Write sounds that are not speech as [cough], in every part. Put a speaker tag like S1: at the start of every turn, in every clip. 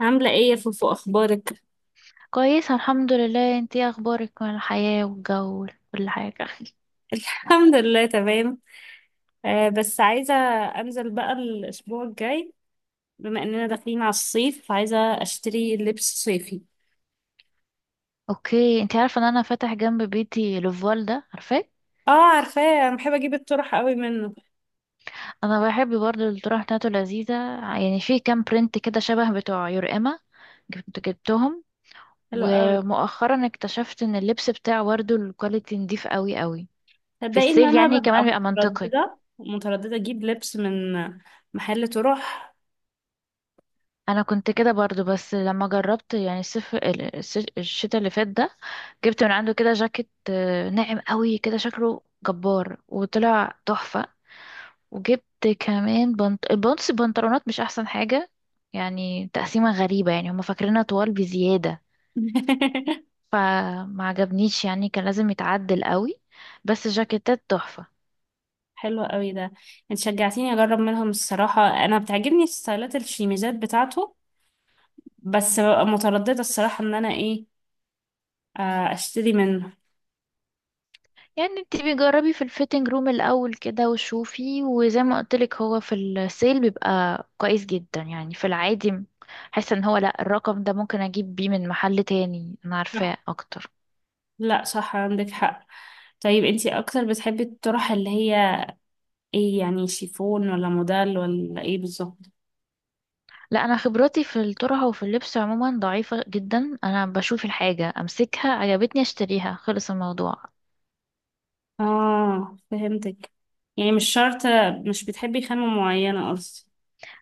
S1: عاملة ايه يا فوفو، اخبارك؟
S2: كويسة، الحمد لله. انتي ايه اخبارك من الحياة والجو وكل حاجة؟
S1: [laughs] الحمد لله تمام. آه، بس عايزة انزل بقى الاسبوع الجاي. بما اننا داخلين على الصيف عايزة اشتري لبس صيفي.
S2: اوكي، انتي عارفة ان انا فاتح جنب بيتي لوفال ده؟ عارفاه؟
S1: اه، عارفاه انا بحب اجيب الطرح قوي منه.
S2: انا بحب برضه، الطرح بتاعته لذيذة. يعني في كام برنت كده شبه بتوع يورقما جبتهم.
S1: حلو قوي.
S2: ومؤخرا اكتشفت ان اللبس بتاعه برضه الكواليتي نضيف قوي قوي. في
S1: تصدقي ان
S2: السيل
S1: انا
S2: يعني
S1: ببقى
S2: كمان بيبقى منطقي.
S1: مترددة مترددة اجيب لبس من محل طرح.
S2: انا كنت كده برضو، بس لما جربت يعني الصيف الشتاء اللي فات ده. جبت من عنده كده جاكيت ناعم قوي كده، شكله جبار وطلع تحفة. وجبت كمان بنط البنطس البنطلونات، مش احسن حاجة. يعني تقسيمة غريبة، يعني هما فاكرينها طوال بزيادة.
S1: [laughs]
S2: فما عجبنيش، يعني كان لازم يتعدل قوي. بس جاكيتات تحفة.
S1: حلو قوي ده. انت شجعتيني اجرب منهم الصراحة، انا بتعجبني ستايلات الشيميزات بتاعته. بس ببقى مترددة الصراحة ان انا ايه اشتري منه.
S2: يعني انت بيجربي في الفيتنج روم الاول كده وشوفي، وزي ما قلتلك، هو في السيل بيبقى كويس جدا يعني، في العادي. حاسه ان هو، لا، الرقم ده ممكن اجيب بيه من محل تاني انا عارفاه اكتر.
S1: لا، صح عندك حق. طيب انتي اكتر بتحبي الطرح اللي هي ايه؟ يعني شيفون ولا موديل ولا ايه بالظبط؟
S2: لا، انا خبرتي في الطرحه وفي اللبس عموما ضعيفه جدا. انا بشوف الحاجه، امسكها، عجبتني، اشتريها، خلص الموضوع.
S1: اه، فهمتك. يعني مش شرط، مش بتحبي خامة معينة قصدي.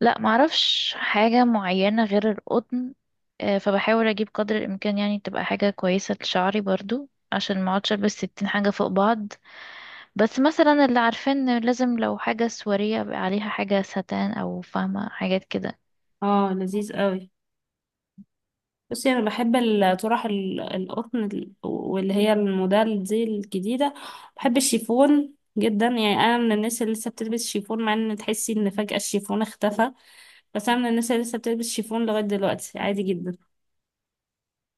S2: لا، معرفش حاجه معينه غير القطن. فبحاول اجيب قدر الامكان يعني تبقى حاجه كويسه لشعري برضو، عشان ما اقعدش البس ستين حاجه فوق بعض. بس مثلا اللي عارفين إن لازم لو حاجة سواريه يبقى عليها حاجة ستان، أو فاهمة حاجات كده.
S1: اه، لذيذ قوي. بصي انا بحب الطرح القطن واللي هي الموديل دي الجديدة. بحب الشيفون جدا، يعني انا من الناس اللي لسه بتلبس شيفون مع ان تحسي ان فجأة الشيفون اختفى. بس انا من الناس اللي لسه بتلبس شيفون لغاية دلوقتي عادي جدا.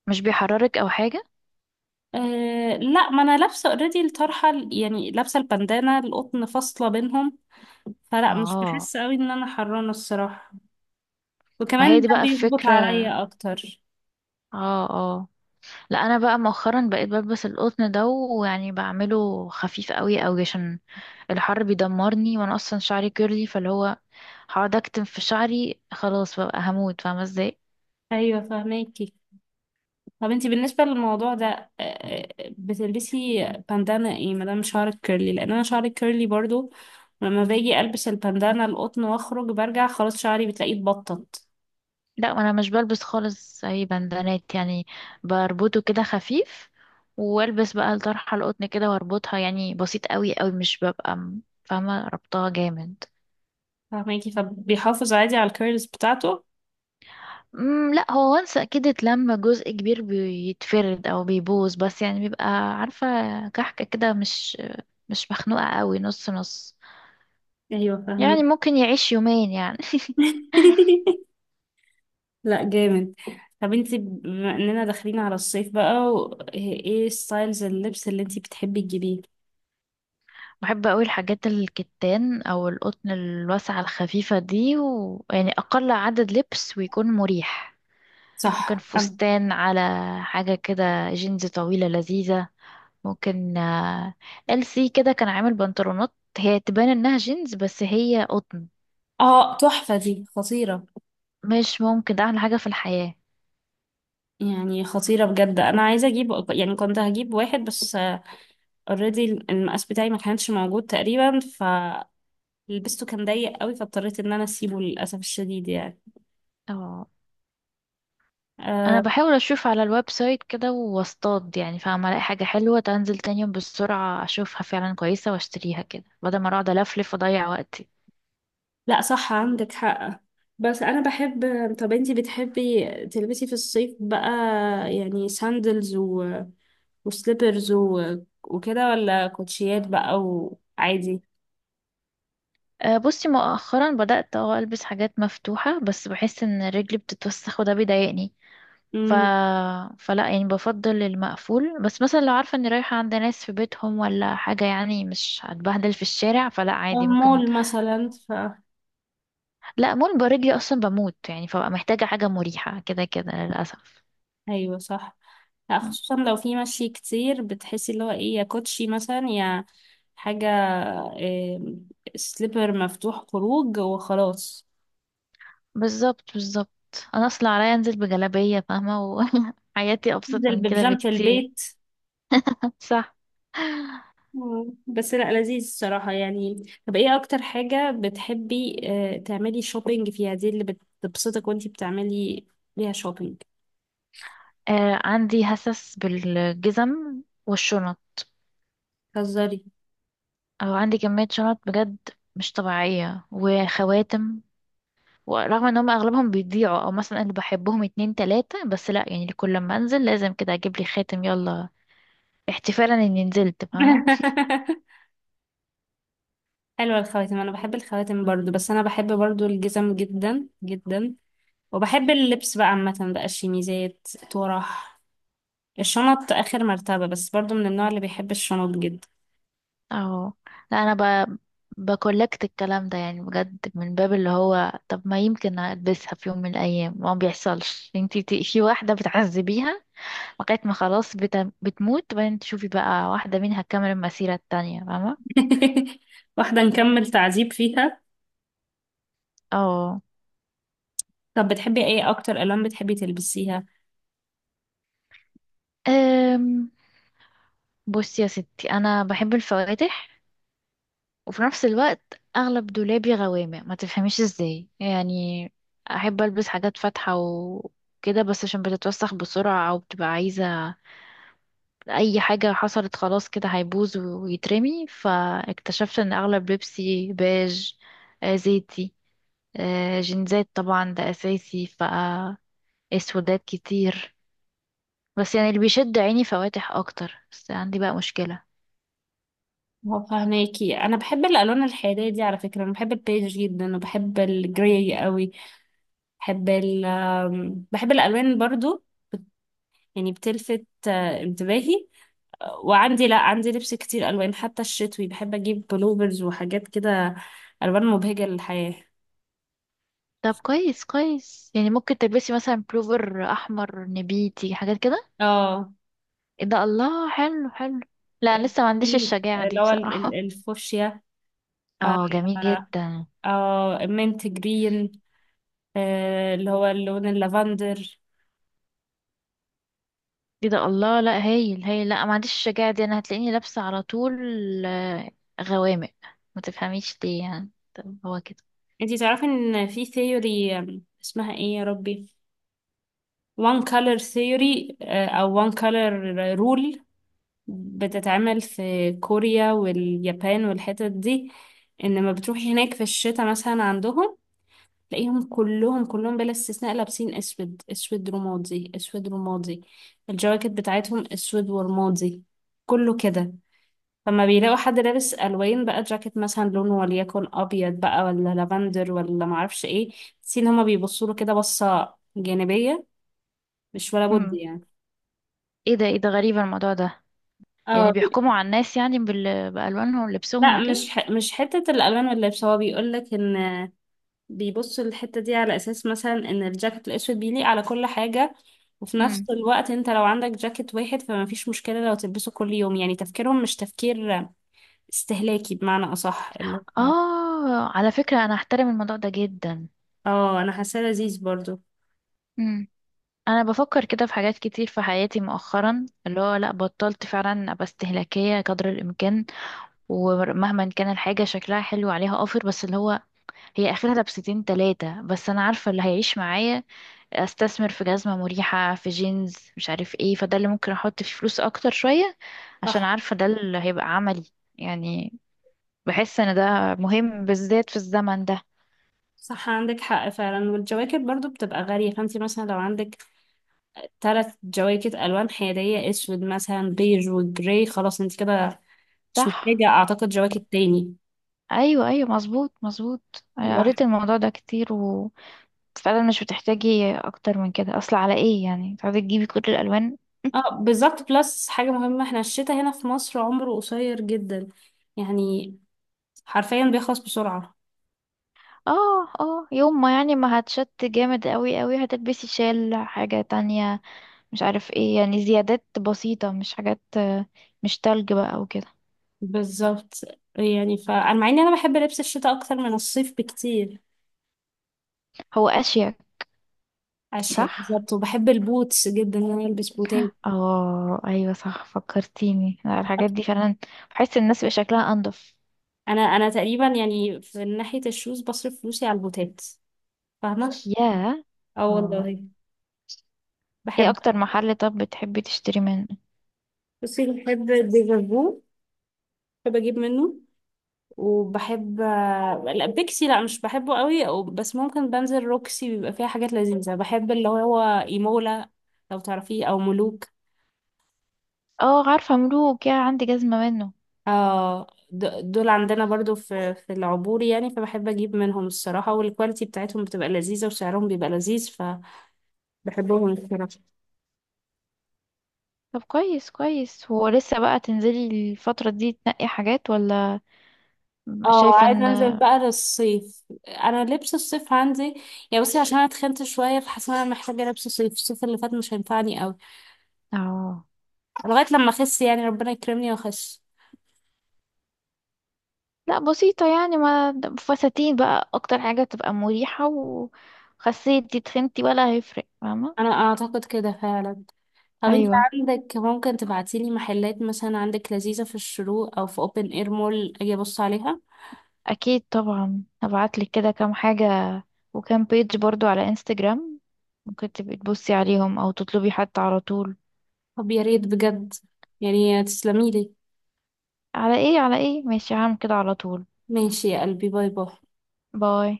S2: مش بيحررك أو حاجة؟
S1: أه، لا، ما انا لابسه اوريدي الطرحه يعني لابسه البندانه القطن فاصله بينهم. فلا، مش
S2: اه.
S1: بحس قوي ان انا حرانه الصراحه.
S2: ما هي
S1: وكمان
S2: دي
S1: ده
S2: بقى
S1: بيظبط
S2: الفكرة.
S1: عليا اكتر.
S2: اه، اه. لا، أنا بقى مؤخرا بقيت بلبس القطن ده، ويعني بعمله خفيف قوي قوي عشان الحر بيدمرني، وأنا أصلا شعري كيرلي، فاللي هو هقعد أكتم في شعري، خلاص بقى هموت، فاهمة ازاي؟
S1: ايوه، فهماكي. طب انتي بالنسبه للموضوع ده أه آه، بتلبسي بندانه ايه ما دام شعرك كيرلي، لان انا شعري كيرلي برضو. لما باجي البس البندانه القطن واخرج برجع خلاص شعري بتلاقيه اتبطط.
S2: لا، انا مش بلبس خالص اي بندانات يعني. بربطه كده خفيف. والبس بقى الطرحه القطن كده واربطها، يعني بسيط قوي قوي، مش ببقى فاهمه، ربطها جامد.
S1: فهماكي، فبيحافظ عادي على الكيرلز بتاعته.
S2: لا، هو وانس اكيد اتلم جزء كبير بيتفرد او بيبوظ، بس يعني بيبقى، عارفه، كحكه كده، مش مخنوقه قوي، نص نص.
S1: ايوه،
S2: يعني
S1: فهماكي.
S2: ممكن يعيش يومين يعني.
S1: [laughs] لا، جامد. طب انت بما اننا داخلين على الصيف بقى ايه ستايلز اللبس اللي انت بتحبي تجيبيه؟
S2: [laughs] بحب قوي الحاجات الكتان او القطن الواسعه الخفيفه دي، ويعني اقل عدد لبس ويكون مريح. ممكن
S1: صح.
S2: فستان على حاجة كده. جينز طويلة لذيذة. ممكن، ال سي كده كان عامل بنطلونات، هي تبان انها جينز بس هي قطن.
S1: اه، تحفة دي خطيرة.
S2: مش ممكن، ده احلى حاجة في الحياة.
S1: يعني خطيرة بجد، انا عايزة اجيب يعني كنت هجيب واحد بس اوريدي المقاس بتاعي ما كانش موجود تقريبا فلبسته. كان ضيق قوي فاضطريت ان انا اسيبه للاسف الشديد يعني.
S2: اه. انا
S1: أه،
S2: بحاول اشوف على الويب سايت كده واصطاد، يعني فاهمة، الاقي حاجة حلوة تنزل تاني يوم، بالسرعة اشوفها فعلا كويسة واشتريها كده، بدل ما اقعد الفلف واضيع وقتي.
S1: لا، صح عندك حق. بس انا بحب. طب انتي بتحبي تلبسي في الصيف بقى يعني ساندلز وسليبرز وكده، ولا كوتشيات بقى وعادي.
S2: بصي مؤخرا بدأت البس حاجات مفتوحة، بس بحس ان رجلي بتتوسخ، وده بيضايقني. ف...
S1: امم
S2: فلا يعني بفضل المقفول، بس مثلا لو عارفة اني رايحة عند ناس في بيتهم ولا حاجة يعني مش هتبهدل في الشارع، فلا
S1: أو
S2: عادي ممكن.
S1: مول مثلا
S2: لا، مول رجلي اصلا بموت يعني، فبقى محتاجة حاجة مريحة كده كده، للأسف.
S1: أيوة صح. لا، خصوصا لو في مشي كتير بتحسي اللي هو ايه، يا كوتشي مثلا يا حاجة، إيه، سليبر مفتوح خروج وخلاص.
S2: بالظبط، بالظبط. انا اصلا عليا انزل بجلابية فاهمة. وحياتي [laughs] ابسط
S1: انزل
S2: من كده
S1: ببيجامة
S2: بكتير.
S1: البيت.
S2: صح.
S1: مم. بس لا، لذيذ الصراحة يعني. طب ايه أكتر حاجة بتحبي تعملي شوبينج فيها دي اللي بتبسطك وانتي بتعملي ليها شوبينج؟
S2: عندي هسس بالجزم والشنط.
S1: هزاري.
S2: او عندي كمية شنط بجد، مش طبيعية، وخواتم. ورغم ان هم اغلبهم بيضيعوا، او مثلا انا بحبهم اتنين تلاتة بس، لا يعني كل ما انزل لازم كده اجيب لي خاتم يلا، احتفالا اني نزلت فاهمة.
S1: [laughs] حلوة الخواتم. أنا بحب الخواتم برضو، بس أنا بحب برضو الجزم جدا جدا. وبحب اللبس بقى عامة، بقى الشميزات، طرح. الشنط آخر مرتبة، بس برضو من النوع اللي بيحب الشنط جدا.
S2: اهو. لا، انا ب... بكولكت الكلام ده، يعني بجد من باب اللي هو، طب ما يمكن البسها في يوم من الايام، ما بيحصلش انتي في واحدة بتعذبيها لغاية ما خلاص بتموت، بعدين تشوفي بقى واحدة منها كامل المسيرة التانية، فاهمة.
S1: [laughs] واحدة نكمل تعذيب فيها.
S2: اه.
S1: طب بتحبي ايه أكتر ألوان بتحبي تلبسيها؟
S2: أم... بصي يا ستي، انا بحب الفواتح. وفي نفس الوقت اغلب دولابي غوامق، ما تفهميش ازاي يعني. احب البس حاجات فاتحه وكده، بس عشان بتتوسخ بسرعه او بتبقى عايزه، اي حاجه حصلت خلاص كده هيبوظ ويترمي، فاكتشفت ان اغلب لبسي بيج، زيتي، جينزات طبعا ده اساسي، ف اسودات كتير، بس يعني اللي بيشد عيني فواتح اكتر، بس عندي بقى مشكله.
S1: هو فهماكي، أنا بحب الألوان الحيادية دي. على فكرة أنا بحب البيج جدا وبحب الجراي قوي. بحب ال آم، بحب الألوان برضو، يعني بتلفت انتباهي. وعندي، لا، عندي لبس كتير الوان، حتى الشتوي بحب اجيب بلوفرز وحاجات كده، الوان مبهجه للحياه.
S2: طب كويس كويس، يعني ممكن تلبسي مثلا بلوفر احمر نبيتي، حاجات كده.
S1: اه،
S2: إيه ده، الله، حلو حلو. لا، أنا لسه ما عنديش
S1: في
S2: الشجاعة
S1: اللي
S2: دي
S1: هو
S2: بصراحة.
S1: الفوشيا.
S2: [laughs]
S1: آه،
S2: اه، جميل
S1: آه،
S2: جدا.
S1: المنت جرين. اللي هو اللون اللافندر.
S2: ايه ده، الله، لا، هايل هايل. لا، ما عنديش الشجاعة دي، انا هتلاقيني لابسة على طول، آه، غوامق، ما تفهميش ليه يعني، طب هو كده.
S1: انتي تعرفي ان في ثيوري، اسمها ايه يا ربي، وان color ثيوري، او وان color رول، بتتعمل في كوريا واليابان والحتت دي. ان لما بتروحي هناك في الشتاء مثلا عندهم تلاقيهم كلهم كلهم بلا استثناء لابسين اسود، اسود رمادي، اسود رمادي. الجواكت بتاعتهم اسود ورمادي، كله كده. فما بيلاقوا حد لابس الوان بقى، جاكيت مثلا لونه وليكن ابيض بقى، ولا لافندر، ولا معرفش ايه، تحسي ان هما بيبصوا له كده بصه جانبيه. مش ولا بد
S2: امم
S1: يعني.
S2: ايه ده، ايه ده، غريب الموضوع ده.
S1: اه،
S2: يعني بيحكموا على الناس، يعني بألوانهم ولبسهم
S1: لا،
S2: وكده.
S1: مش حته الالوان واللبس. هو بيقول لك ان بيبصوا الحتة دي على أساس مثلا إن الجاكيت الأسود بيليق على كل حاجة، وفي نفس
S2: امم
S1: الوقت أنت لو عندك جاكيت واحد فما فيش مشكلة لو تلبسه كل يوم. يعني تفكيرهم مش تفكير استهلاكي بمعنى أصح اللي هو.
S2: اه، على فكرة انا احترم الموضوع ده جدا.
S1: اه، أنا حاساه لذيذ برضو.
S2: امم انا بفكر كده في حاجات كتير في حياتي مؤخرا، اللي هو لا، بطلت فعلا ابقى استهلاكية قدر الامكان. ومهما كان الحاجة شكلها حلو عليها اوفر، بس اللي هو هي اخرها لبستين تلاتة، بس انا عارفة اللي هيعيش معايا. استثمر في جزمة مريحة، في جينز مش عارف ايه، فده اللي ممكن احط فيه فلوس اكتر شوية، عشان
S1: صح،
S2: عارفة ده اللي هيبقى عملي. يعني بحس ان ده مهم بالذات في الزمن ده.
S1: صح، عندك حق فعلا. والجواكت برضو بتبقى غالية، فانتي مثلا لو عندك تلات جواكت ألوان حيادية، أسود مثلا، بيج، وجراي، خلاص انت كده مش
S2: صح.
S1: محتاجة أعتقد جواكت تاني.
S2: ايوه، ايوه، مظبوط، مظبوط، أنا قريت الموضوع ده كتير، وفعلا مش بتحتاجي اكتر من كده، اصل على ايه يعني تقعدي تجيبي كل الالوان؟
S1: اه، بالظبط. بلس حاجة مهمة، احنا الشتاء هنا في مصر عمره قصير جدا، يعني حرفيا بيخلص بسرعة.
S2: اه، اه، يوم ما يعني ما هتشت جامد قوي قوي هتلبسي شال، حاجة تانية، مش عارف ايه، يعني زيادات بسيطة، مش حاجات، مش تلج بقى وكده.
S1: بالظبط. يعني فأنا مع إني أنا بحب لبس الشتاء أكتر من الصيف بكتير.
S2: هو اشيك. صح.
S1: أشياء بالظبط، وبحب البوتس جدا إن أنا ألبس بوتات.
S2: اه، ايوه، صح، فكرتيني، لا، الحاجات دي فعلا بحس الناس بيبقى شكلها انضف.
S1: أنا تقريبا يعني في ناحية الشوز بصرف فلوسي على البوتات. فاهمة؟
S2: ياه.
S1: اه
S2: اه.
S1: والله.
S2: ايه
S1: بحب.
S2: اكتر محل طب بتحبي تشتري منه؟
S1: بصي بحب ديفرفو، بحب أجيب منه. وبحب، لا، بيكسي لا مش بحبه قوي بس ممكن بنزل روكسي بيبقى فيها حاجات لذيذة. بحب اللي هو ايمولا، لو تعرفيه، او ملوك.
S2: اه، عارفة ملوك، يا عندي جزمة منه.
S1: اه، دول عندنا برضو في في العبور يعني، فبحب اجيب منهم الصراحة. والكواليتي بتاعتهم بتبقى لذيذة وسعرهم بيبقى لذيذ، فبحبهم الصراحة.
S2: طب كويس كويس، هو لسه بقى تنزلي الفترة دي تنقي حاجات ولا؟
S1: اه،
S2: شايفة
S1: عايزة
S2: ان.
S1: انزل بقى للصيف. انا لبس الصيف عندي يعني، بصي عشان انا اتخنت شوية فحاسة ان انا محتاجة لبس صيف، الصيف اللي فات مش هينفعني قوي
S2: اه.
S1: لغاية لما اخس، يعني ربنا يكرمني واخس.
S2: لا، بسيطة يعني، ما فساتين بقى اكتر حاجة تبقى مريحة، وخسيت دي تخنتي ولا هيفرق،
S1: انا
S2: فاهمة.
S1: اعتقد كده فعلا. طب انت
S2: ايوه.
S1: عندك ممكن تبعتيلي محلات مثلا عندك لذيذة في الشروق او في اوبن اير مول اجي ابص عليها؟
S2: اكيد طبعا، هبعتلك كده كام حاجة، وكام بيج برضو على انستجرام، ممكن تبقي تبصي عليهم او تطلبي حتى على طول.
S1: طب يا ريت بجد، يعني تسلميلي.
S2: على ايه، على ايه، ماشي، هعمل كده على طول.
S1: ماشي يا قلبي، باي باي.
S2: باي.